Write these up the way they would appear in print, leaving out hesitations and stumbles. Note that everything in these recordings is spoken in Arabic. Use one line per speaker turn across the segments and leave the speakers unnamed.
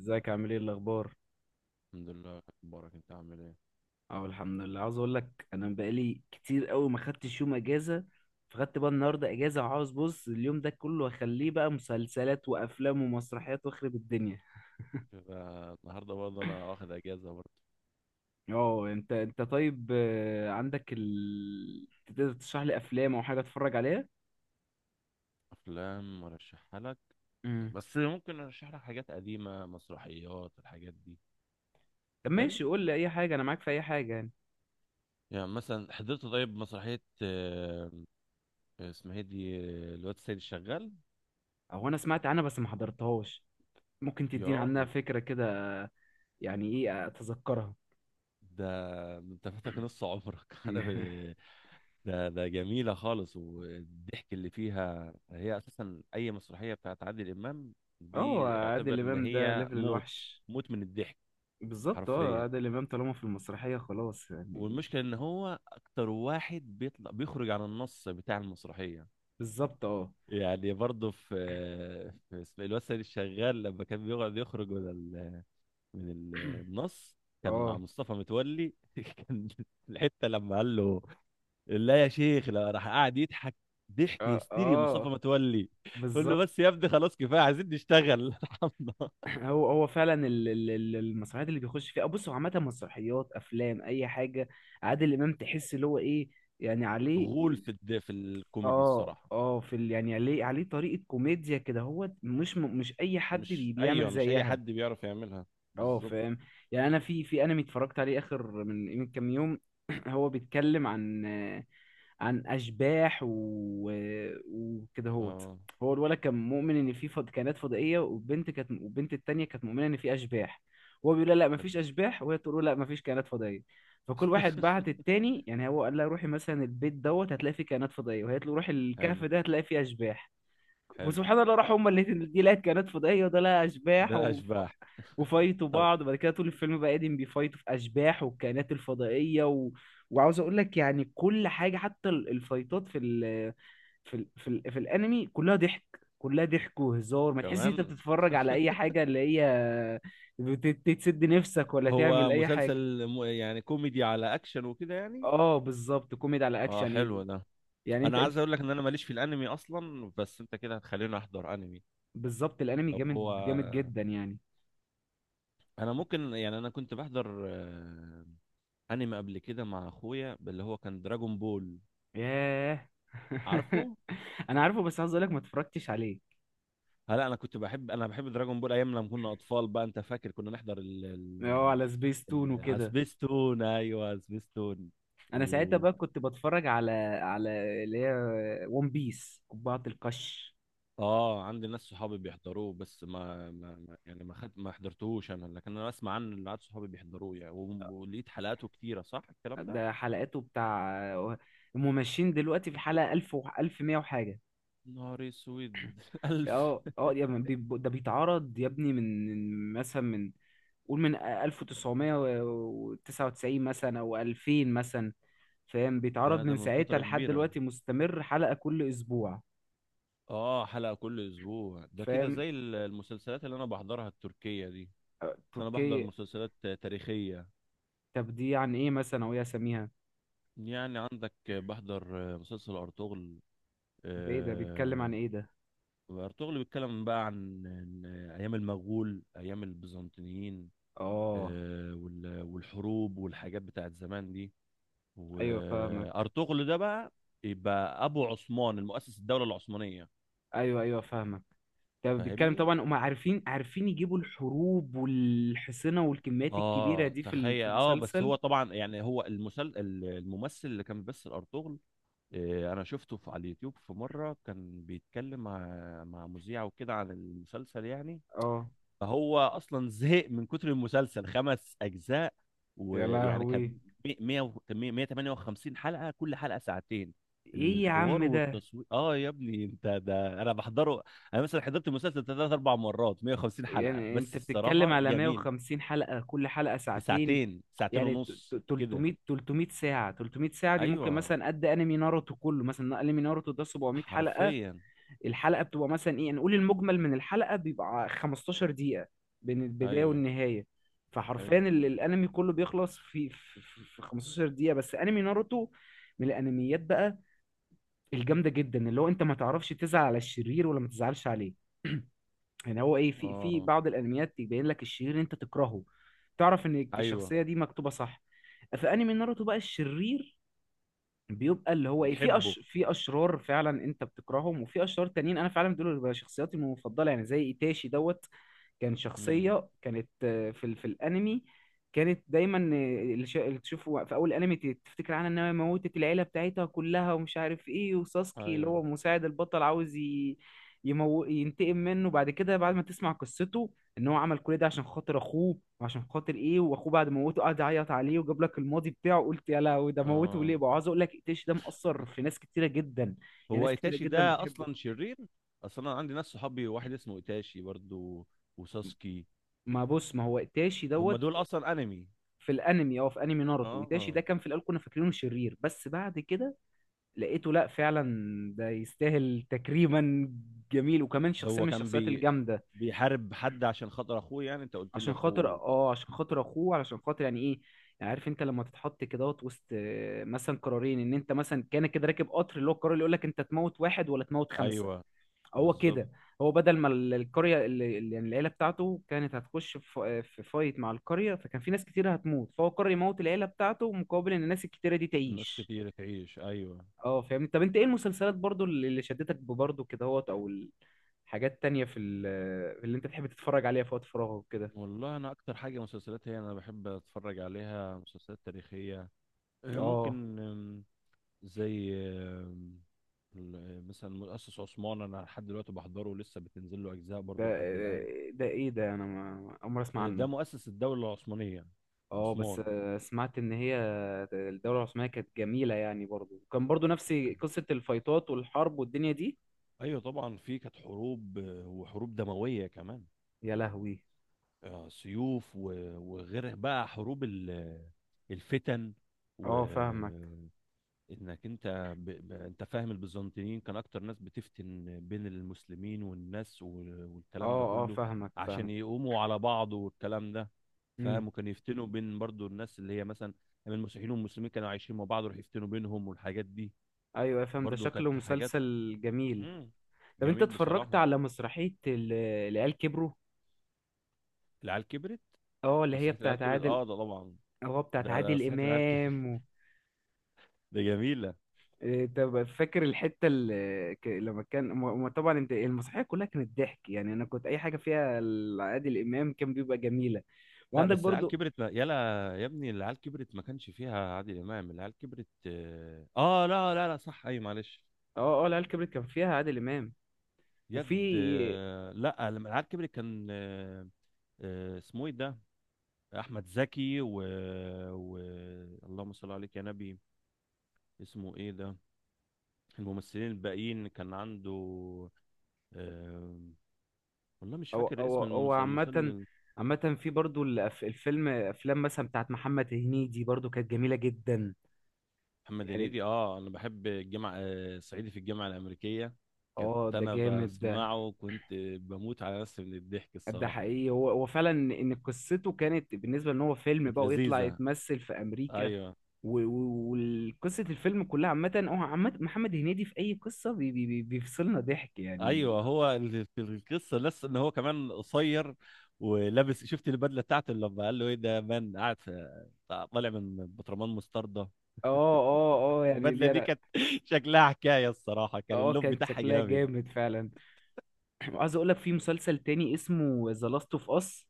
ازيك عامل ايه الاخبار؟
الحمد لله مبارك، انت عامل ايه؟
اه، الحمد لله. عاوز اقول لك انا بقالي كتير قوي ما خدتش يوم اجازه، فخدت بقى النهارده اجازه وعاوز بص اليوم ده كله اخليه بقى مسلسلات وافلام ومسرحيات واخرب الدنيا.
كده. النهارده برضه انا واخد اجازه برضه.
اه انت طيب. عندك تقدر تشرح لي افلام او حاجه اتفرج عليها؟
افلام ارشحها لك،
امم.
بس ممكن ارشح لك حاجات قديمه، مسرحيات الحاجات دي.
طب
حلو.
ماشي، قول لي اي حاجه، انا معاك في اي حاجه يعني.
يعني مثلا حضرت طيب مسرحيه، اسمها ايه دي؟ الواد السيد الشغال.
او انا سمعت عنها بس ما حضرتهاش. ممكن
يا
تديني عنها
راجل،
فكره كده؟ آه. يعني ايه اتذكرها.
ده انت فاتك نص عمرك. ده جميله خالص، والضحك اللي فيها هي اساسا. اي مسرحيه بتاعت عادل امام
اه،
دي اعتبر
عادل
ان
امام ده
هي
ليفل
موت
الوحش.
موت من الضحك،
بالظبط، اه.
حرفيا.
عادل امام طالما في المسرحيه خلاص يعني.
والمشكله ان هو اكتر واحد بيطلع بيخرج عن النص بتاع المسرحيه.
بالظبط اه.
يعني برضه في اسم الواد سيد الشغال لما كان بيقعد يخرج من من ال- النص. كان مع
اه
مصطفى متولي، كان الحته لما قال له لا يا شيخ لا، راح قاعد يضحك ضحك
اه
هستيري مصطفى
اه
متولي. قول له بس
بالظبط.
يا ابني، خلاص كفايه، عايزين نشتغل. ارحمنا.
هو فعلا المسرحيات اللي بيخش فيها، بص هو عامه مسرحيات، افلام، اي حاجه. عادل امام تحس اللي هو ايه يعني عليه.
غول في الكوميدي
اه
الصراحه.
اه، يعني عليه طريقه كوميديا كده، هو مش اي حد
مش
بيعمل
ايوه، مش اي
زيها.
حد بيعرف يعملها.
اه،
بالظبط.
فاهم. يعني انا في انمي اتفرجت عليه اخر من كام يوم. هو بيتكلم عن اشباح وكده هوت.
اه
هو الولد كان مؤمن ان في كائنات فضائيه، والبنت التانيه كانت مؤمنه ان في اشباح. هو بيقول لها لا
حلو.
مفيش اشباح، وهي تقول له لا مفيش كائنات فضائيه. فكل واحد بعت التاني، يعني هو قال لها روحي مثلا البيت دوت هتلاقي فيه كائنات فضائيه، وهي تقول له روحي الكهف
حلو.
ده هتلاقي فيه اشباح.
حلو
وسبحان الله، راحوا هما الاتنين، دي لقت كائنات فضائيه وده لقى اشباح،
ده
و...
الاشباح.
وفايتوا
طب
بعض. وبعد كده طول الفيلم بقى قاعدين بيفايتوا في اشباح والكائنات الفضائيه. و... وعاوز اقول لك يعني كل حاجه حتى الفايتات في الانمي كلها ضحك. كلها ضحك وهزار، ما تحس ان انت
كمان
بتتفرج على اي حاجه اللي هي تسد نفسك ولا تعمل
هو
اي حاجه.
مسلسل يعني كوميدي على اكشن وكده يعني.
اه بالظبط، كوميدي على
اه
اكشن يعني.
حلو ده.
يعني انت
انا
انت
عايز اقول لك ان انا ماليش في الانمي اصلا، بس انت كده هتخليني احضر انمي.
بالظبط. الانمي
لو هو
جامد جامد جدا يعني.
انا ممكن، يعني انا كنت بحضر انمي قبل كده مع اخويا، اللي هو كان دراجون بول.
ياه.
عارفه.
انا عارفه بس عاوز اقول لك ما اتفرجتش عليه.
لا انا كنت بحب، انا بحب دراجون بول ايام لما كنا اطفال. بقى انت فاكر كنا نحضر
اه، على سبيس تون وكده.
عسبستون؟ ايوه عسبستون. و
انا ساعتها بقى كنت بتفرج على على اللي هي ون بيس قبعة القش.
اه عندي ناس صحابي بيحضروه، بس ما حضرتهوش انا، لكن انا اسمع عنه، اللي عاد صحابي بيحضروه يعني، ولقيت حلقاته كتيره، صح الكلام ده؟
ده حلقاته بتاع، هم ماشيين دلوقتي في الحلقة 1000 و 1100 وحاجة.
نهاري اسود. الف.
اه اه يا ابني، ده بيتعرض يا ابني، من مثلا من قول من 1999 مثلا او 2000 مثلا. فاهم،
ده
بيتعرض
ده
من
من
ساعتها
فتره
لحد
كبيره.
دلوقتي مستمر، حلقة كل اسبوع.
اه حلقه كل اسبوع، ده كده
فاهم.
زي المسلسلات اللي انا بحضرها التركيه دي، بس انا بحضر
تركيا.
مسلسلات تاريخيه.
طب دي عن ايه مثلا، او ايه اساميها؟
يعني عندك بحضر مسلسل ارطغرل.
ده ايه ده، بيتكلم عن
آه،
ايه ده؟
وارطغرل بيتكلم بقى عن ايام المغول، ايام البيزنطيين.
اه.
والحروب والحاجات بتاعت زمان دي.
ايوه فاهمك.
وارطغرل ده بقى يبقى ابو عثمان، المؤسس الدوله العثمانيه.
ايوه ايوه فاهمك. ده بيتكلم
فاهمني.
طبعا، هم عارفين عارفين يجيبوا الحروب والحصنة والكميات الكبيرة
اه
دي
تخيل،
في
اه. بس
المسلسل.
هو طبعا يعني هو الممثل اللي كان بيمثل ارطغرل، انا شفته في على اليوتيوب في مره كان بيتكلم مع مذيع وكده عن المسلسل يعني.
اه.
فهو اصلا زهق من كتر المسلسل، خمس اجزاء.
يا
ويعني
لهوي.
كان 100 و- كان مية- 158 حلقه، كل حلقه ساعتين.
ايه يا
الحوار
عم ده.
والتصوير، اه يا ابني، انت ده انا بحضره. انا مثلا حضرت المسلسل ثلاث اربع مرات، 150 حلقه،
يعني انت
بس
بتتكلم
الصراحه
على
جميل.
150 حلقة كل حلقة
في
ساعتين.
ساعتين، ساعتين
يعني
ونص كده.
300 300 ساعة، 300 ساعة دي ممكن
ايوه،
مثلا قد انمي ناروتو كله، مثلا انمي ناروتو ده 700 حلقة.
حرفيا.
الحلقة بتبقى مثلا ايه، نقول المجمل من الحلقة بيبقى 15 دقيقة بين البداية
ايوه
والنهاية. فحرفيا
حلو.
الانمي كله بيخلص في 15 دقيقة بس. انمي ناروتو من الانميات بقى الجامدة جدا، اللي هو انت ما تعرفش تزعل على الشرير ولا ما تزعلش عليه. يعني هو ايه، في
اه
بعض الانميات يبين لك الشرير اللي انت تكرهه، تعرف ان
ايوه.
الشخصية دي مكتوبة صح. في انمي ناروتو بقى الشرير بيبقى اللي هو ايه،
بتحبه.
في اشرار فعلا انت بتكرههم، وفي اشرار تانيين انا فعلا دول بيبقى شخصياتي المفضله، يعني زي ايتاشي دوت. كان
امم
شخصية، كانت في الانمي كانت دايما، اللي اللي تشوفه في اول انمي تفتكر عنها انها موتت العيلة بتاعتها كلها، ومش عارف ايه. وساسكي اللي
ايوه.
هو مساعد البطل عاوز ينتقم منه. بعد كده بعد ما تسمع قصته، ان هو عمل كل ده عشان خاطر اخوه، وعشان خاطر ايه، واخوه بعد ما موته قعد يعيط عليه وجاب لك الماضي بتاعه، قلت يا لهوي ده موته
اه
ليه بقى. عاوز اقول لك، ايتاشي ده مأثر في ناس كتيرة جدا. يعني
هو
ناس كتيرة
ايتاشي
جدا
ده
بتحبه.
اصلا شرير؟ اصلا انا عندي ناس صحابي، واحد اسمه ايتاشي برضو، وساسكي.
ما بص، ما هو ايتاشي
هم
دوت
دول اصلا انمي.
في الانمي. اه، في انمي ناروتو ايتاشي ده
اه
كان في الاول كنا فاكرينه شرير، بس بعد كده لقيته لا فعلا ده يستاهل تكريما، جميل، وكمان شخصيه
هو
من
كان
الشخصيات الجامده.
بيحارب حد عشان خاطر اخوه؟ يعني انت قلت لي
عشان خاطر
اخوه.
عشان خاطر اخوه، علشان خاطر يعني ايه، يعني عارف انت لما تتحط كده وسط مثلا قرارين، ان انت مثلا كان كده راكب قطر اللي هو القرار اللي يقول لك انت تموت واحد ولا تموت خمسه.
ايوه
هو
بالظبط.
كده. هو بدل ما القرية يعني العيلة بتاعته كانت هتخش في فايت مع القرية، فكان في ناس كتير هتموت، فهو قرر يموت العيلة بتاعته مقابل ان الناس الكتيرة دي
الناس
تعيش.
كتير تعيش، ايوه.
اه فاهم. طب انت ايه المسلسلات برضو اللي شدتك برضو كده هوت، او الحاجات تانية اللي انت تحب تتفرج عليها في وقت فراغك كده؟
والله انا اكتر حاجه مسلسلات هي انا بحب اتفرج عليها مسلسلات تاريخيه.
اه.
ممكن، زي مثلا مؤسس عثمان، انا لحد دلوقتي بحضره لسه، بتنزل له اجزاء
ده
برضو لحد الان.
ده ايه ده، انا ما اول مرة اسمع
ده
عنه.
مؤسس الدولة العثمانية،
اه بس
عثمان.
سمعت ان هي الدولة العثمانية كانت جميلة يعني، برضو كان برضو نفس قصة الفايتات والحرب والدنيا دي.
ايوه طبعا في كانت حروب، وحروب دمويه كمان.
يا لهوي.
سيوف، وغير بقى حروب الفتن.
اه فاهمك.
وانك انت انت فاهم البيزنطيين كان اكتر ناس بتفتن بين المسلمين والناس والكلام ده
اه اه
كله
فاهمك
عشان
فاهمك.
يقوموا على بعض، والكلام ده
امم.
فاهم. وكان يفتنوا بين برضو الناس اللي هي مثلا من المسيحيين والمسلمين كانوا عايشين مع بعض، يروحوا يفتنوا بينهم والحاجات دي.
ايوه فاهم، ده
برضو
شكله
كانت حاجات
مسلسل جميل.
مم.
طب انت
جميل
اتفرجت
بصراحة.
على مسرحية العيال كبروا؟
العيال كبرت،
اه اللي هي
مسرحية العيال
بتاعت
كبرت،
عادل.
اه ده طبعا.
اه بتاعت
ده
عادل
مسرحية العيال كبرت.
امام. و...
ده جميلة.
إيه، طب فاكر الحتة اللي ك- لما كان م- م- طبعا انت المسرحية كلها كانت ضحك، يعني انا كنت اي حاجة فيها عادل امام كان بيبقى جميلة.
لا
وعندك
بس العيال
برضو.
كبرت ما... يلا يا ابني، العيال كبرت ما كانش فيها عادل إمام. العيال كبرت، اه لا لا لا، صح، اي، معلش.
اه اه، العيال كبرت كان فيها عادل امام. وفي.
لا لما العيال كبرت كان اسمه ايه ده؟ احمد زكي و اللهم صل عليك يا نبي، اسمه ايه ده؟ الممثلين الباقيين كان عنده، آه، والله مش
او
فاكر
او
اسم
او عامة،
المسلسل.
عامة في برضو الفيلم، افلام مثلا بتاعت محمد هنيدي برضو كانت جميلة جدا
محمد
يعني.
هنيدي، اه انا بحب الجامعه، صعيدي في الجامعه الامريكيه. كنت
اه ده
انا
جامد ده.
بسمعه، وكنت بموت على نفسي من الضحك
ده
الصراحه.
حقيقي، هو فعلا ان قصته كانت بالنسبة ان هو فيلم
كانت
بقى، ويطلع
لذيذه.
يتمثل في امريكا.
ايوه.
و- و- وقصة الفيلم كلها عامة، هو عامة محمد هنيدي في اي قصة بيفصلنا ضحك يعني.
ايوه هو اللي في القصه لسه ان هو كمان قصير، ولابس، شفت البدله بتاعته لما قال له ايه ده مان قاعد طالع من بطرمان مستردة؟
اه اه اه، يعني
البدله
دي
دي كانت شكلها حكايه الصراحه، كان
اه
اللون
كان
بتاعها
شكلها
جامد.
جامد فعلا. وعايز اقول لك في مسلسل تاني اسمه ذا لاست اوف اس.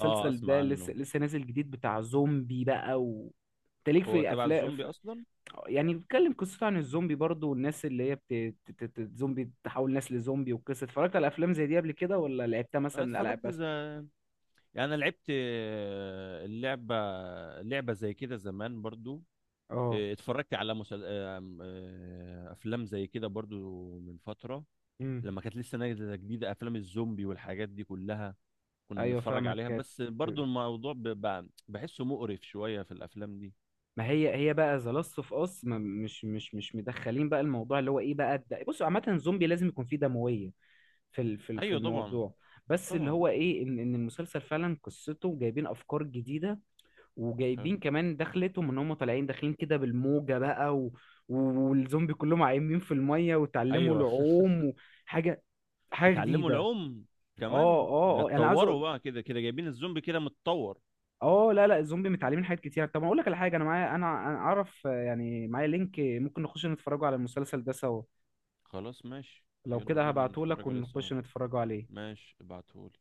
اه اسمع
ده لسه
عنه.
لسه نازل جديد بتاع زومبي بقى. انت ليك
هو
في
تبع
افلام
الزومبي اصلا.
يعني بيتكلم قصته عن الزومبي برضو، والناس اللي هي زومبي تحول ناس لزومبي. والقصه اتفرجت على افلام زي دي قبل كده، ولا لعبتها
أنا
مثلا الالعاب
اتفرجت
بس؟
زي، يعني انا لعبت، اللعبه، لعبه زي كده زمان برضو.
اه.
اتفرجت على مسل... آه، آم، آه، افلام زي كده برضو من فتره،
امم.
لما كانت لسه نازله جديده افلام الزومبي والحاجات دي كلها، كنا
ايوه
بنتفرج
فاهمك.
عليها. بس برضو
كانت-
الموضوع بحسه مقرف شويه في الافلام دي.
ما هي هي بقى ذا لاست اوف اس مش مدخلين بقى الموضوع اللي هو ايه بقى ده. بصوا عامه الزومبي لازم يكون فيه دمويه في
ايوه طبعا.
الموضوع. بس اللي
طبعا.
هو ايه، ان المسلسل فعلا قصته جايبين افكار جديده،
حلو.
وجايبين كمان دخلتهم ان هم طالعين داخلين كده بالموجه بقى. و- والزومبي كلهم عايمين في الميه وتعلموا
ايوه.
العوم، وحاجه، حاجه
اتعلموا
جديده.
العوم
اه
كمان ده،
اه اه، انا عايز
اتطوروا
اقول،
بقى كده، كده جايبين الزومبي كده متطور.
اه لا لا، الزومبي متعلمين حاجات كتير. طب اقول لك على حاجه، انا معايا، انا اعرف يعني معايا لينك ممكن نخش نتفرجوا على المسلسل ده سوا.
خلاص ماشي،
لو
يلا
كده
بينا
هبعته لك
نتفرج عليه سوا.
ونخش نتفرجوا عليه.
ماشي ابعتهولي.